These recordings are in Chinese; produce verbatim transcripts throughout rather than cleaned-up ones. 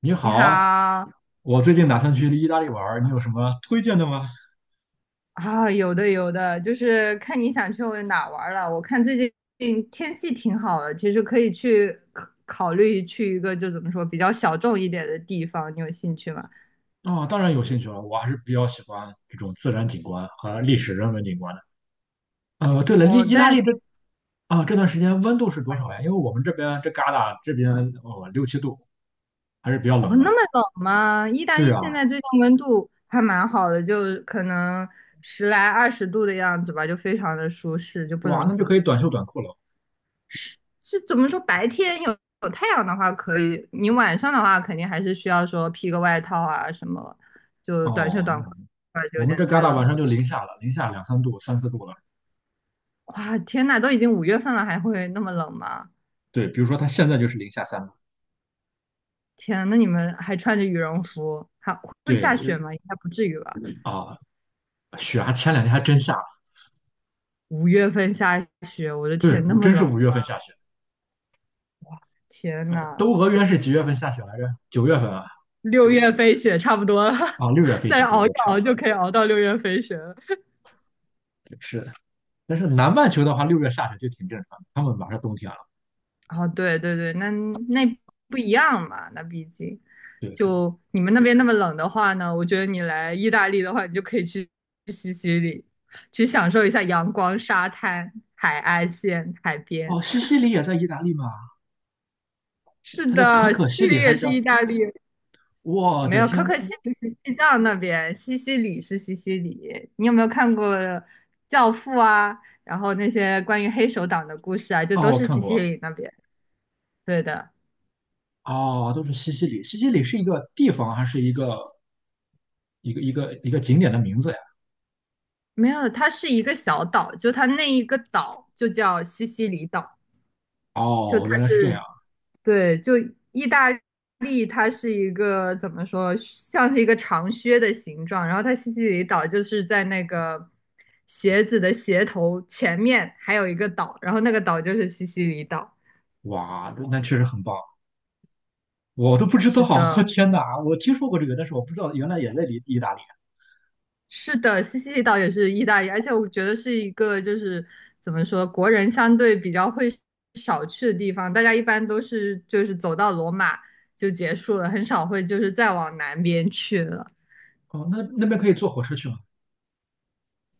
你你好，好我最近打算去意大利玩儿，你有什么推荐的吗？啊，有的有的，就是看你想去哪儿玩儿了。我看最近天气挺好的，其实可以去考考虑去一个就怎么说比较小众一点的地方，你有兴趣吗？啊，当然有兴趣了，我还是比较喜欢这种自然景观和历史人文景观的。呃，对了，意哦，意大利但这啊、这段时间温度是多少呀？因为我们这边这旮沓这边哦六七度，还是比较哦冷那的。么冷吗？意大对利现啊，在最近温度还蛮好的，就可能十来二十度的样子吧，就非常的舒适，就不哇，冷那不就热。可以短袖短裤了。是怎么说？白天有有太阳的话可以，你晚上的话肯定还是需要说披个外套啊什么，就短袖哦，短那裤就我有们点这旮太沓冷晚上了。就零下了，零下两三度、三四度了。哇，天呐，都已经五月份了，还会那么冷吗？对，比如说它现在就是零下三度。天，那你们还穿着羽绒服，还会对下雪吗？应该不至于吧？啊，雪还前两天还真下了，五月份下雪，我的对，天，那我么真是冷，五月份下雪。天呃，都呐，俄约是几月份下雪来着？九月份啊，六月飞雪差不多了，啊，六月 份再雪，对熬一对，差不熬多，就可以熬到六月飞雪了。对是的。但是南半球的话，六月下雪就挺正常的，他们马上冬天了。哦，对对对，那那不一样嘛，那毕竟对，是的。就你们那边那么冷的话呢，我觉得你来意大利的话，你就可以去去西西里，去享受一下阳光、沙滩、海岸线、海边。哦，西西里也在意大利吗？是它叫可的，可西西西里里还也是是叫意西？大利，我没的有，可天，可西我里是西藏那边，西西里是西西里。你有没有看过《教父》啊？然后那些关于黑手党的故事啊，就哦，都我是看西西过，里那边。对的。哦，都是西西里。西西里是一个地方还是一个一个一个一个景点的名字呀？没有，它是一个小岛，就它那一个岛就叫西西里岛，就哦，它原来是这样，是，对，就意大利，它是一个怎么说，像是一个长靴的形状，然后它西西里岛就是在那个鞋子的鞋头前面还有一个岛，然后那个岛就是西西里岛。哇，那确实很棒，我都不知道。是 的，天哪，我听说过这个，但是我不知道原来也在意意大利。是的，西西里岛也是意大利，而且我觉得是一个就是怎么说，国人相对比较会少去的地方。大家一般都是就是走到罗马就结束了，很少会就是再往南边去了。哦，那那边可以坐火车去吗？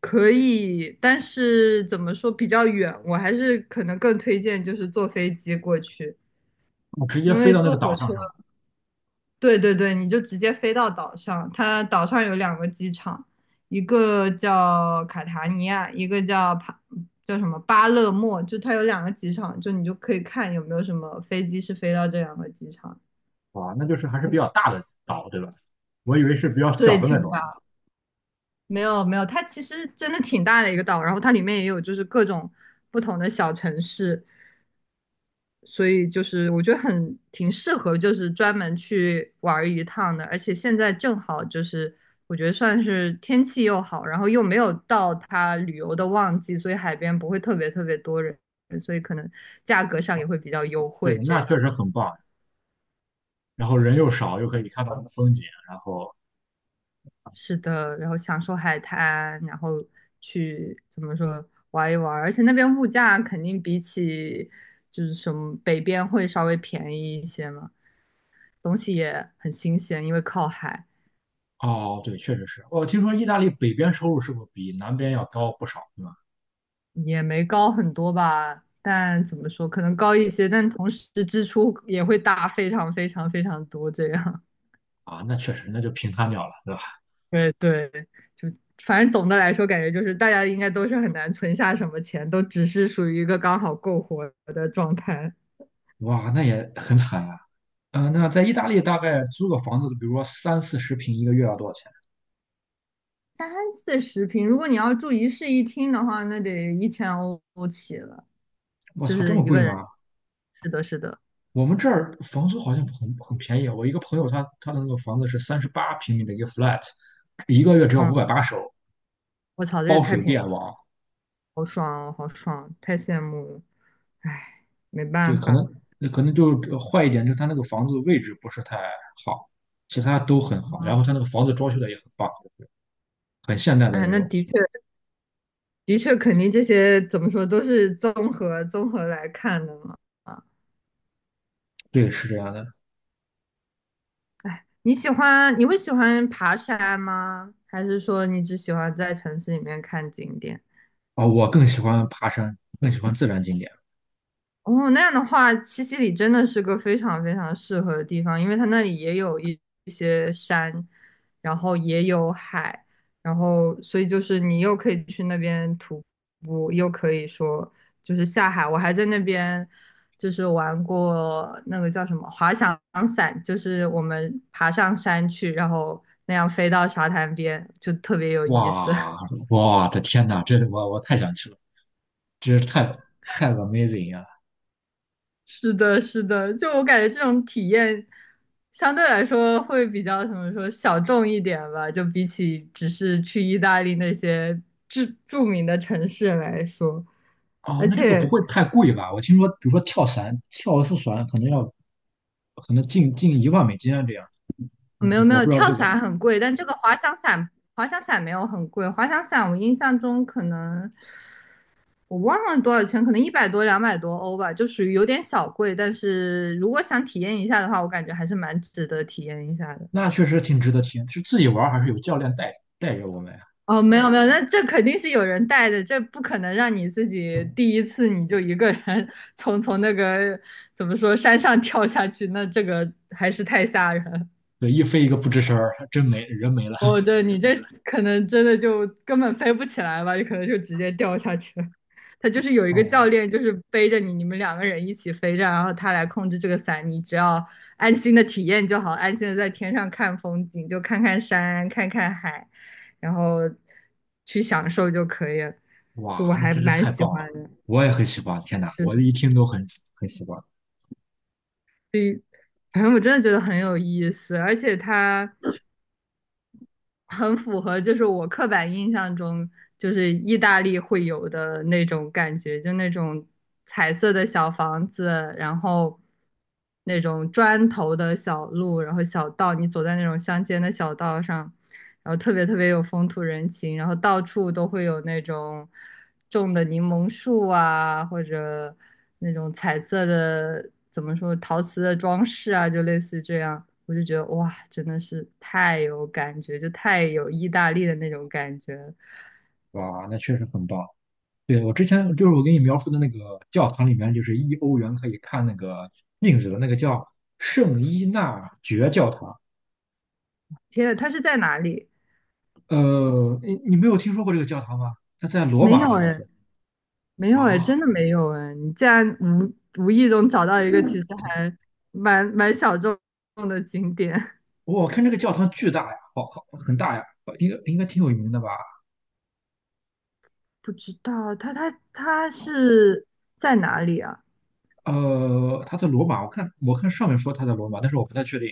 可以，但是怎么说比较远，我还是可能更推荐就是坐飞机过去，哦，直接因飞为到那个坐火岛上车是吧？对对对，你就直接飞到岛上。它岛上有两个机场，一个叫卡塔尼亚，一个叫帕，叫什么巴勒莫，就它有两个机场，就你就可以看有没有什么飞机是飞到这两个机场。哇，那就是还是比较大的岛，对吧？我以为是比较小对，的那挺种。大，没有没有，它其实真的挺大的一个岛，然后它里面也有就是各种不同的小城市，所以就是我觉得很挺适合，就是专门去玩一趟的。而且现在正好就是我觉得算是天气又好，然后又没有到它旅游的旺季，所以海边不会特别特别多人，所以可能价格上也会比较优对，惠。那这样确实很棒。然后人又少，又可以看到风景。然后，是的，然后享受海滩，然后去怎么说玩一玩，而且那边物价肯定比起就是什么北边会稍微便宜一些嘛，东西也很新鲜，因为靠海。哦，对，确实是。我听说意大利北边收入是不是比南边要高不少，对吧？也没高很多吧，但怎么说，可能高一些，但同时支出也会大非常非常非常多这样。啊，那确实，那就平摊掉了，对吧？对对，就反正总的来说，感觉就是大家应该都是很难存下什么钱，都只是属于一个刚好够活的状态。哇，那也很惨呀，嗯、那在意大利大概租个房子，比如说三四十平，一个月要多少钱？三四十平，如果你要住一室一厅的话，那得一千欧起了，我就操，这是么一贵个人。吗？是的，是的，我们这儿房租好像很很便宜啊，我一个朋友他他的那个房子是三十八平米的一个 flat，一个月只要五嗯，百八十欧，我操，这也包太水便宜了，电网。好爽哦，好爽，太羡慕了，唉，没对，办可能法。那可能就呃坏一点，就是他那个房子位置不是太好，其他都很好。然后他那个房子装修的也很棒，很现代的哎，那那种。的确，的确，肯定这些怎么说都是综合综合来看的嘛。啊，对，是这样的。哎，你喜欢，你会喜欢爬山吗？还是说你只喜欢在城市里面看景点？啊，我更喜欢爬山，更喜欢自然景点。哦，那样的话，西西里真的是个非常非常适合的地方，因为它那里也有一一些山，然后也有海，然后所以就是你又可以去那边徒步，又可以说就是下海。我还在那边就是玩过那个叫什么滑翔伞，就是我们爬上山去，然后那样飞到沙滩边，就特别有意思。哇，我的天呐，这我我太想去了，这是太太 amazing 呀。是的，是的，就我感觉这种体验相对来说会比较什么说小众一点吧，就比起只是去意大利那些著著名的城市来说，哦，而那这个不且会太贵吧？我听说，比如说跳伞，跳一次伞可能要可能近近一万美金啊，这样。嗯没有没我有，不知道跳这个，伞很贵，但这个滑翔伞滑翔伞没有很贵，滑翔伞我印象中可能我忘了多少钱，可能一百多两百多欧吧，就属于有点小贵，但是如果想体验一下的话，我感觉还是蛮值得体验一下的。那确实挺值得听。是自己玩儿还是有教练带带着我们呀？哦，没有没有，那这肯定是有人带的，这不可能让你自己第一次你就一个人 从从那个怎么说山上跳下去，那这个还是太吓人。对，一飞一个不吱声儿，还真没人没了。哦，对你这可能真的就根本飞不起来吧，你可能就直接掉下去了。他就是有一个教哦，练，就是背着你，你们两个人一起飞着，然后他来控制这个伞，你只要安心的体验就好，安心的在天上看风景，就看看山，看看海，然后去享受就可以了。就哇，我那还真是蛮太喜棒了！欢的，我也很喜欢，天哪，是的，我一听都很很喜欢。所以反正我真的觉得很有意思，而且它。很符合，就是我刻板印象中，就是意大利会有的那种感觉，就那种彩色的小房子，然后那种砖头的小路，然后小道，你走在那种乡间的小道上，然后特别特别有风土人情，然后到处都会有那种种的柠檬树啊，或者那种彩色的，怎么说，陶瓷的装饰啊，就类似于这样。我就觉得哇，真的是太有感觉，就太有意大利的那种感觉了。哇，那确实很棒。对，我之前就是我给你描述的那个教堂里面，就是一欧元可以看那个镜子的那个叫圣伊纳爵教堂，天呐，它是在哪里？呃，你你没有听说过这个教堂吗？它在罗没马有好像哎，是没有哎，真啊。的没有哎。你竟然无无意中找到一个其实还蛮蛮小众的景点。我看这个教堂巨大呀，好好很大呀，应该应该挺有名的吧？不知道他他他是在哪里啊？呃，它在罗马，我看我看上面说它在罗马，但是我不太确定。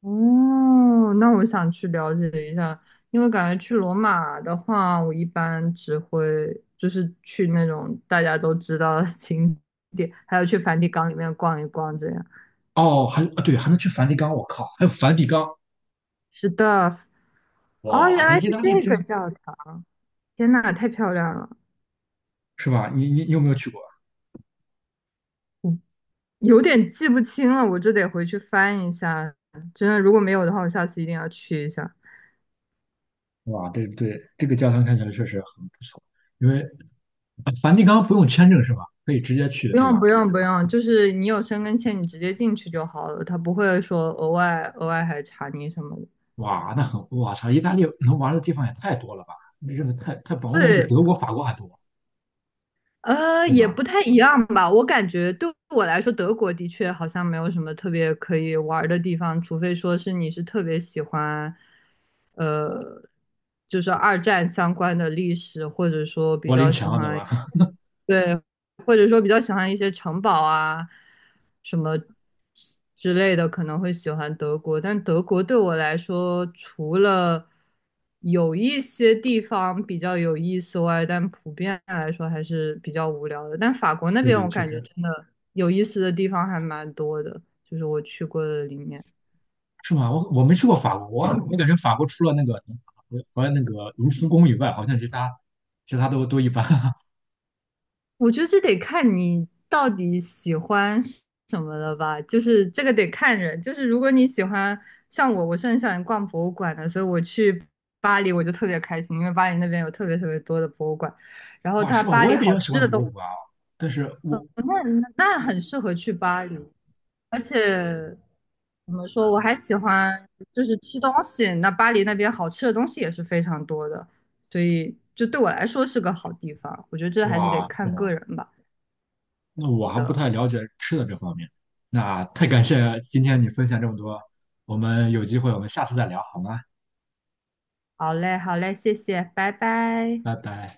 哦，那我想去了解一下，因为感觉去罗马的话，我一般只会就是去那种大家都知道的景点，还有去梵蒂冈里面逛一逛这样。哦，还啊对，还能去梵蒂冈，我靠，还有梵蒂冈，是的，哦，原哇，那来是意大利这真个教堂，天呐，太漂亮了，是吧？你你你有没有去过？我有点记不清了，我这得回去翻一下。真的，如果没有的话，我下次一定要去一下。哇，对对，这个教堂看起来确实很不错，因为呃梵蒂冈不用签证是吧？可以直接去，不对吧？用不用不用，就是你有申根签，你直接进去就好了，他不会说额外额外还查你什么的。哇，那很，我操，意大利能玩的地方也太多了吧？真的太太棒，我感觉比对，德国、法国还多，呃，对也不吧？太一样吧。我感觉对我来说，德国的确好像没有什么特别可以玩儿的地方，除非说是你是特别喜欢，呃，就是二战相关的历史，或者说比柏林较喜墙，对欢，吧？对，或者说比较喜欢一些城堡啊，什么之类的，可能会喜欢德国。但德国对我来说，除了有一些地方比较有意思外，但普遍来说还是比较无聊的。但法国那对边，对，我确感觉实真的有意思的地方还蛮多的，就是我去过的里面。是吗？我我没去过法国，我我感觉法国除了那个和那个卢浮宫以外，好像其他其他都都一般。我觉得这得看你到底喜欢什么了吧，就是这个得看人。就是如果你喜欢，像我，我是很喜欢逛博物馆的，所以我去巴黎我就特别开心，因为巴黎那边有特别特别多的博物馆，然后哇，它是吧？巴我黎也比好较喜吃欢的博都，物馆啊，但是我那那很适合去巴黎。而且怎么说，我还喜欢就是吃东西，那巴黎那边好吃的东西也是非常多的，所以就对我来说是个好地方。我觉得这还是得哇，是看吗？个人吧。那我还不的。太了解吃的这方面。那太感谢今天你分享这么多，我们有机会我们下次再聊好吗？好嘞，好嘞，谢谢，拜拜。拜拜。